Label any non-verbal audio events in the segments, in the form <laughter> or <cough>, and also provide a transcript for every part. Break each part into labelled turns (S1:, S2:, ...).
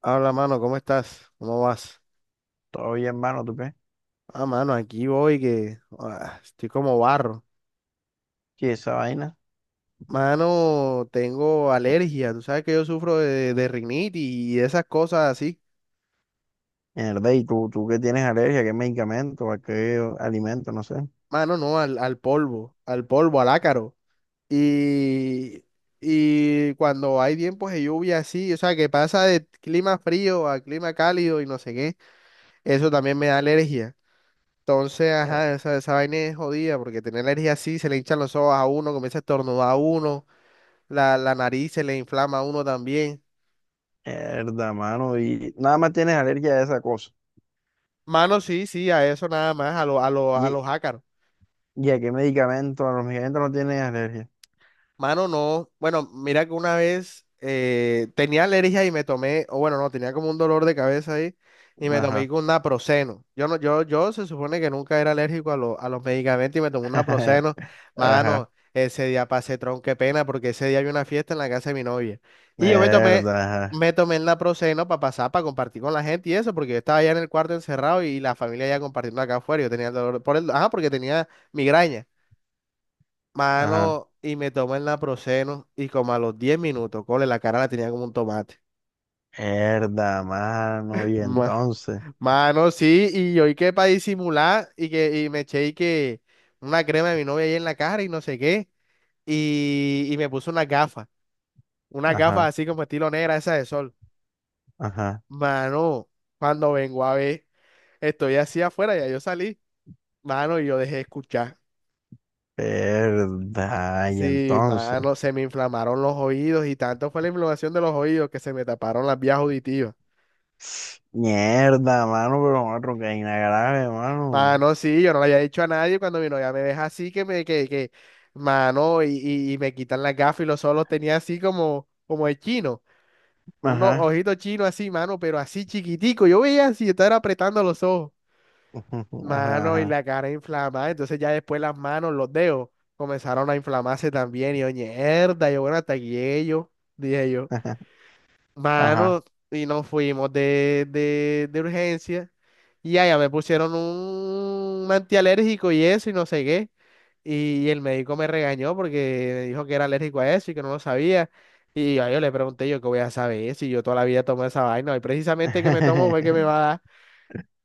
S1: Habla, mano, ¿cómo estás? ¿Cómo vas?
S2: Todo bien, hermano, ¿tú qué?
S1: Ah, mano, aquí voy que estoy como barro.
S2: Sí, esa vaina.
S1: Mano, tengo alergia. Tú sabes que yo sufro de rinitis y esas cosas así.
S2: Mierda, ¿y tú, qué tienes alergia? ¿Qué medicamento? ¿A qué alimento? No sé.
S1: Mano, no, al polvo, al polvo, al ácaro. Y, y cuando hay tiempos de lluvia así, o sea, que pasa de clima frío a clima cálido y no sé qué, eso también me da alergia. Entonces,
S2: Eh,
S1: ajá, esa vaina es jodida porque tener alergia así, se le hinchan los ojos a uno, comienza a estornudar a uno. La nariz se le inflama a uno también.
S2: Mierda, mano. Y nada más tienes alergia a esa cosa.
S1: Mano, sí, sí, a eso nada más, a
S2: ¿Y,
S1: los ácaros.
S2: y a qué medicamento? A los medicamentos no tienes alergia.
S1: Mano, no. Bueno, mira que una vez tenía alergia y me tomé, o bueno, no, tenía como un dolor de cabeza ahí y me tomé
S2: Ajá.
S1: con naproxeno. Yo no, yo se supone que nunca era alérgico a los medicamentos y me tomé un naproxeno.
S2: <laughs> Ajá.
S1: Mano, ese día pasé qué pena, porque ese día había una fiesta en la casa de mi novia. Y yo me tomé,
S2: Mierda, ajá.
S1: me tomé el naproxeno para compartir con la gente y eso, porque yo estaba allá en el cuarto encerrado y la familia ya compartiendo acá afuera. Yo tenía el dolor por el, ajá, porque tenía migraña.
S2: Ajá.
S1: Mano, y me tomé el naproxeno y como a los 10 minutos, cole, la cara la tenía como un tomate.
S2: Mierda, mano. Y
S1: Ma-
S2: entonces.
S1: Mano, sí, y yo y que para disimular y que y me eché y que una crema de mi novia ahí en la cara y no sé qué. Y me puse unas gafas
S2: Ajá.
S1: así como estilo negra, esa de sol.
S2: Ajá.
S1: Mano, cuando vengo a ver, estoy así afuera, ya yo salí. Mano, y yo dejé de escuchar.
S2: Mierda. Y
S1: Sí,
S2: entonces.
S1: mano, se me inflamaron los oídos y tanto fue la inflamación de los oídos que se me taparon las vías auditivas.
S2: Mierda, mano, pero otro que hay una grave, mano.
S1: Mano, sí, yo no lo había dicho a nadie cuando mi novia me deja así que me, mano, y me quitan las gafas y los ojos los tenía así como de chino, unos
S2: Ajá.
S1: ojitos chinos así, mano, pero así chiquitico, yo veía así, estaba apretando los ojos,
S2: Ajá,
S1: mano, y
S2: ajá,
S1: la cara inflamada. Entonces ya después las manos, los dedos comenzaron a inflamarse también, y yo, mierda, yo, bueno, hasta aquí llegué yo, dije yo.
S2: ajá. <laughs> ajá.
S1: Mano, y nos fuimos de urgencia. Y allá me pusieron un antialérgico y eso, y no sé qué. Y el médico me regañó porque me dijo que era alérgico a eso y que no lo sabía. Y yo le pregunté yo qué voy a saber si yo toda la vida tomo esa vaina. Y precisamente que me tomo fue que me va
S2: <laughs>
S1: a dar.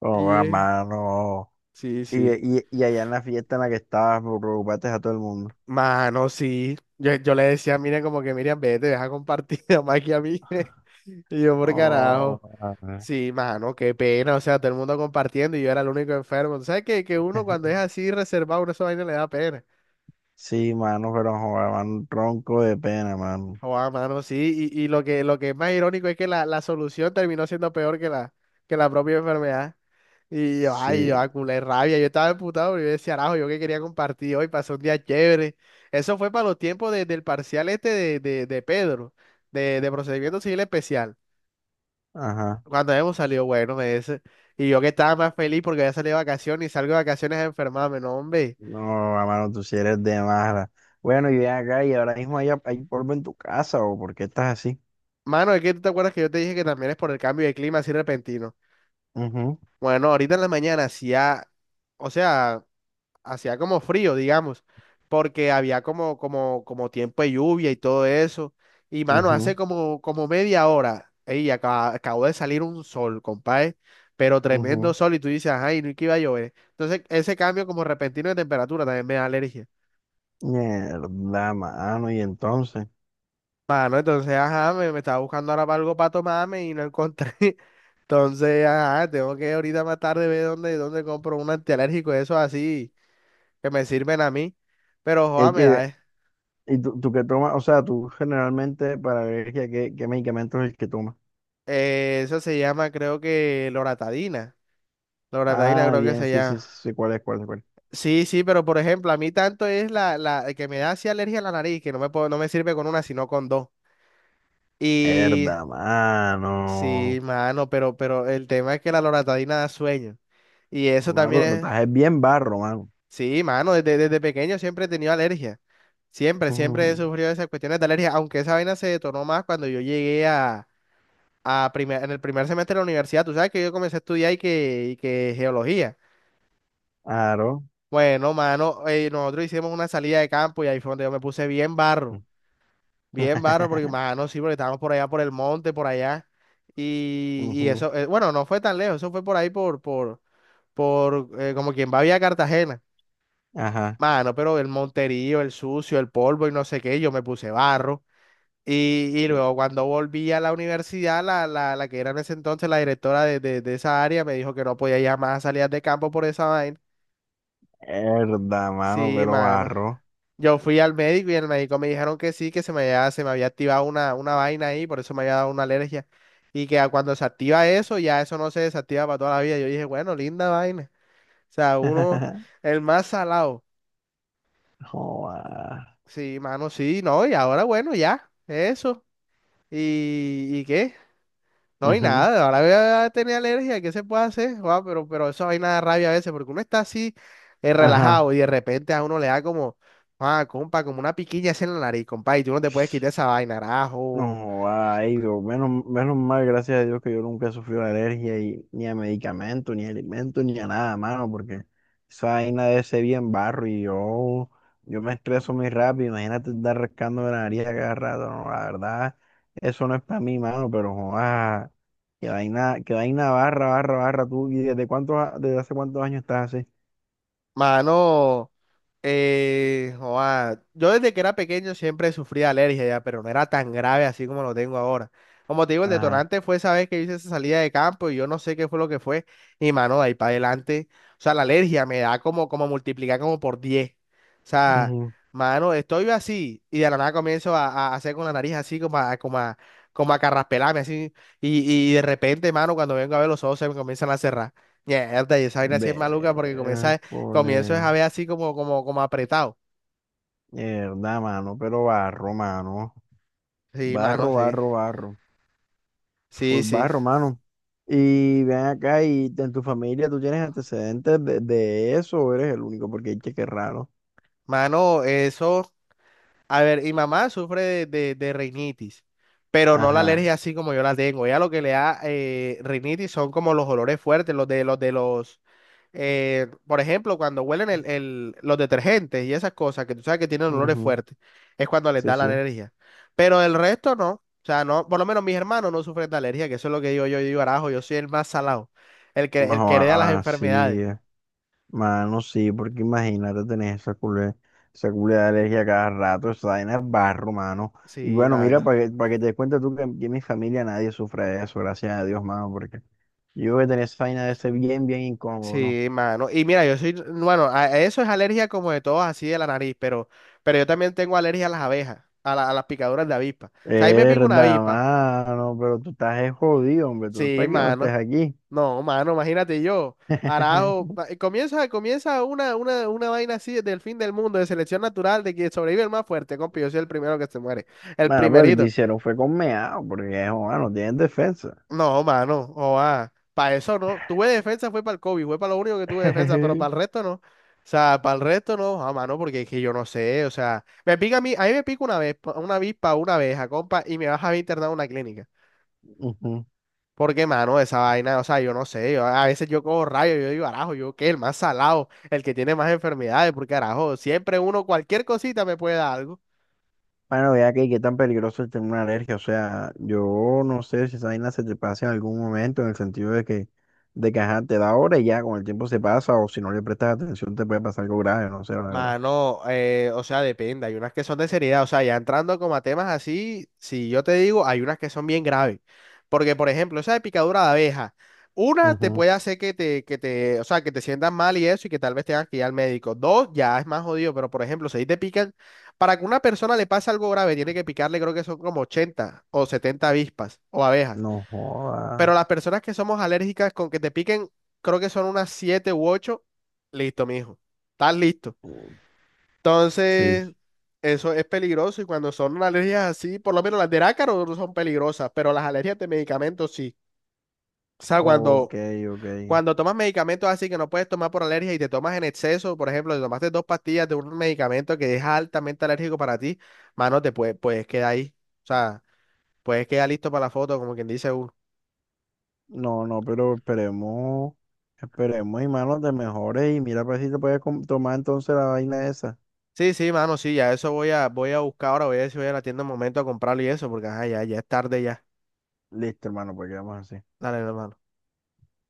S2: Oh,
S1: Y
S2: va, mano.
S1: sí,
S2: Y,
S1: sí.
S2: y allá en la fiesta en la que estabas, me preocupaste a todo el mundo.
S1: Mano, sí. Yo le decía, miren, como que Miriam, vete, deja compartir <laughs> más que a mí. <laughs> Y yo, por
S2: Oh,
S1: carajo.
S2: ajá.
S1: Sí, mano, qué pena, o sea, todo el mundo compartiendo y yo era el único enfermo. ¿Tú ¿Sabes que uno cuando es
S2: <laughs>
S1: así reservado, uno esa vaina le da pena?
S2: sí, mano, pero joder, mano, tronco de pena, mano.
S1: Joder, mano, sí, y lo que, es más irónico es que la solución terminó siendo peor que la propia enfermedad. Y yo, ay,
S2: Sí,
S1: yo, a culé rabia, yo estaba emputado, pero yo decía, arajo, yo que quería compartir hoy, pasó un día chévere. Eso fue para los tiempos del parcial este de Pedro, de procedimiento civil especial.
S2: ajá.
S1: Cuando hemos salido bueno, me dice. Y yo que estaba más feliz porque había salido de vacaciones y salgo de vacaciones a enfermarme, no, hombre.
S2: No, va, mano, tú sí eres de mala. Bueno, y ven acá, y ahora mismo hay, hay polvo en tu casa, ¿o por qué estás así?
S1: Mano, es que tú te acuerdas que yo te dije que también es por el cambio de clima así repentino.
S2: Ujú,
S1: Bueno, ahorita en la mañana hacía, o sea, hacía como frío, digamos, porque había como, como tiempo de lluvia y todo eso. Y mano, hace
S2: ujú,
S1: como, como media hora, ey, acabó de salir un sol, compadre, pero tremendo
S2: ujú.
S1: sol y tú dices, ay, no, y que iba a llover. Entonces, ese cambio como repentino de temperatura también me da alergia.
S2: Mierda, mano, y entonces.
S1: Mano, entonces, ajá, me estaba buscando ahora para algo para tomarme y no encontré. <laughs> Entonces, ajá, tengo que ahorita más tarde ver dónde compro un antialérgico, eso así, que me sirven a mí. Pero, joda, me da.
S2: ¿Y tú, qué tomas? O sea, tú generalmente para alergia, ¿qué, qué medicamento es el que tomas?
S1: Eso se llama, creo que, loratadina. Loratadina
S2: Ah,
S1: creo que
S2: bien,
S1: se
S2: sí, sí,
S1: llama.
S2: sí, sí, ¿cuál es, cuál es, cuál es?
S1: Sí, sí, pero por ejemplo, a mí tanto es la, la que me da así alergia a la nariz, que no me sirve con una, sino con dos. Y
S2: Herda,
S1: sí,
S2: mano.
S1: mano, pero el tema es que la loratadina da sueño. Y eso
S2: Mano,
S1: también
S2: pero tú
S1: es.
S2: estás es bien barro, mano.
S1: Sí, mano, desde pequeño siempre he tenido alergia. Siempre he
S2: Ujú,
S1: sufrido esas cuestiones de alergia, aunque esa vaina se detonó más cuando yo llegué a en el primer semestre de la universidad. Tú sabes que yo comencé a estudiar y que geología.
S2: aro.
S1: Bueno, mano, nosotros hicimos una salida de campo y ahí fue donde yo me puse bien barro, porque,
S2: <laughs>
S1: mano, sí, porque estábamos por allá, por el monte, por allá. Y
S2: Ujú,
S1: eso, bueno, no fue tan lejos, eso fue por ahí, por, por, como quien va a Vía Cartagena.
S2: ajá.
S1: Mano, pero el monterío, el sucio, el polvo y no sé qué, yo me puse barro. Y luego cuando volví a la universidad, la, la que era en ese entonces la directora de esa área me dijo que no podía ya más a salidas de campo por esa vaina.
S2: Herda, mano,
S1: Sí,
S2: pero
S1: mano.
S2: barro.
S1: Yo fui al médico y el médico me dijeron que sí, que se me había activado una vaina ahí, por eso me había dado una alergia. Y que a cuando se activa eso, ya eso no se desactiva para toda la vida. Yo dije, bueno, linda vaina. O sea, uno,
S2: <laughs>
S1: el más salado.
S2: Joda.
S1: Sí, mano, sí, no, y ahora bueno, ya, eso. ¿Y qué? No, y
S2: Ujú,
S1: nada, ahora voy a tener alergia, ¿qué se puede hacer? Guau, pero eso hay nada rabia a veces, porque uno está así
S2: ajá.
S1: relajado y de repente a uno le da como, ah, compa, como una piquiña así en la nariz, compa, y tú no te puedes quitar esa vaina, carajo.
S2: No, ay, Dios, menos, menos mal, gracias a Dios que yo nunca he sufrido alergia y, ni a medicamentos, ni a alimentos, ni a nada, mano, porque esa vaina de ese bien barro y yo me estreso muy rápido, imagínate estar rascando la nariz a cada rato, no, la verdad, eso no es para mí, mano, pero joda, que vaina barra, barra, barra, tú, ¿y desde cuántos, desde hace cuántos años estás así?
S1: Mano, joa, yo desde que era pequeño siempre sufría alergia ya, pero no era tan grave así como lo tengo ahora. Como te digo, el
S2: Ajá.
S1: detonante fue esa vez que hice esa salida de campo y yo no sé qué fue lo que fue. Y mano, de ahí para adelante, o sea, la alergia me da como, como multiplicar como por 10. O sea,
S2: Ujú.
S1: mano, estoy así y de la nada comienzo a hacer con la nariz así como a, como a carraspelarme así. Y de repente, mano, cuando vengo a ver los ojos se me comienzan a cerrar. Mierda, y esa vaina así es maluca porque comienza. Comienzo es
S2: Cole,
S1: a ver así como, como apretado.
S2: mierda, mano, pero barro, mano.
S1: Sí, mano,
S2: Barro,
S1: sí.
S2: barro, barro.
S1: Sí,
S2: Full
S1: sí.
S2: barro, mano. Y ven acá, y en tu familia, ¿tú tienes antecedentes de eso o eres el único? Porque hay que raro.
S1: Mano, eso. A ver, mi mamá sufre de rinitis, pero no la
S2: Ajá.
S1: alergia así como yo la tengo. Ella lo que le da rinitis son como los olores fuertes, los de los por ejemplo, cuando huelen los detergentes y esas cosas que tú sabes que tienen olores
S2: Ujú,
S1: fuertes, es cuando les
S2: sí,
S1: da la
S2: sí.
S1: alergia. Pero el resto no. O sea, no, por lo menos mis hermanos no sufren de alergia, que eso es lo que digo yo, yo digo, arajo, yo soy el más salado, el que hereda las
S2: Ah, sí.
S1: enfermedades.
S2: Eh. Mano, sí, porque imagínate tener esa culé de alergia a cada rato, esa vaina es barro, mano. Y
S1: Sí,
S2: bueno, mira,
S1: mano.
S2: para que te des cuenta tú que en mi familia nadie sufre de eso, gracias a Dios, mano, porque yo voy a tener esa vaina de ser bien, bien incómodo, ¿no?
S1: Sí, mano. Y mira, yo soy, bueno, a eso es alergia como de todos, así de la nariz, pero yo también tengo alergia a las abejas, a las picaduras de avispa. O sea, ahí me pica una
S2: Verdad,
S1: avispa.
S2: mano, pero tú estás es jodido, hombre. ¿Tú
S1: Sí,
S2: para que no estés
S1: mano.
S2: aquí?
S1: No, mano, imagínate yo. Arajo,
S2: <laughs>
S1: comienza, comienza una, una vaina así del fin del mundo, de selección natural, de que sobrevive el más fuerte, compi. Yo soy el primero que se muere. El
S2: Bueno, pero lo que te
S1: primerito.
S2: hicieron fue con meado, porque joder, no tienen defensa.
S1: No, mano, para eso no. Tuve defensa, fue para el COVID, fue para lo único que tuve defensa, pero para
S2: <laughs>
S1: el resto no. O sea, para el resto no, ah, mano, porque es que yo no sé, o sea, me pica a mí me pica una vez, una avispa, una abeja, compa, y me vas a internar a una clínica.
S2: Ujú.
S1: Porque, mano, esa vaina, o sea, yo no sé, yo, a veces yo cojo rayos, yo digo, arajo, yo qué, el más salado, el que tiene más enfermedades, porque, arajo, siempre uno, cualquier cosita me puede dar algo.
S2: Bueno, vea que qué tan peligroso es tener una alergia. O sea, yo no sé si esa vaina se te pasa en algún momento, en el sentido de que ajá, te da ahora y ya con el tiempo se pasa, o si no le prestas atención te puede pasar algo grave, no sé, la verdad.
S1: Mano, o sea, depende. Hay unas que son de seriedad. O sea, ya entrando como a temas así, si yo te digo, hay unas que son bien graves. Porque, por ejemplo, esa de picadura de abeja, una te
S2: Ujú.
S1: puede hacer que te, o sea, que te sientas mal y eso, y que tal vez tengas que ir al médico. Dos, ya es más jodido. Pero, por ejemplo, si ahí te pican, para que una persona le pase algo grave, tiene que picarle, creo que son como 80 o 70 avispas o abejas.
S2: No joda.
S1: Pero las personas que somos alérgicas con que te piquen, creo que son unas 7 u 8. Listo, mijo. Estás listo.
S2: Sí.
S1: Entonces,
S2: Sí.
S1: eso es peligroso y cuando son alergias así, por lo menos las del ácaro no son peligrosas, pero las alergias de medicamentos sí. O sea,
S2: Ok,
S1: cuando,
S2: ok.
S1: cuando tomas medicamentos así que no puedes tomar por alergia y te tomas en exceso, por ejemplo, te tomaste 2 pastillas de un medicamento que es altamente alérgico para ti, mano, te puedes quedar ahí. O sea, puedes quedar listo para la foto, como quien dice uno.
S2: No, no, pero esperemos, esperemos, hermano, de mejores y mira para ver si te puedes tomar entonces la vaina esa.
S1: Sí, sí, mano, sí, ya eso voy a buscar ahora, voy a ver si voy a la tienda un momento a comprarlo y eso, porque ajá, ya, ya es tarde ya.
S2: Listo, hermano, pues quedamos así.
S1: Dale, hermano.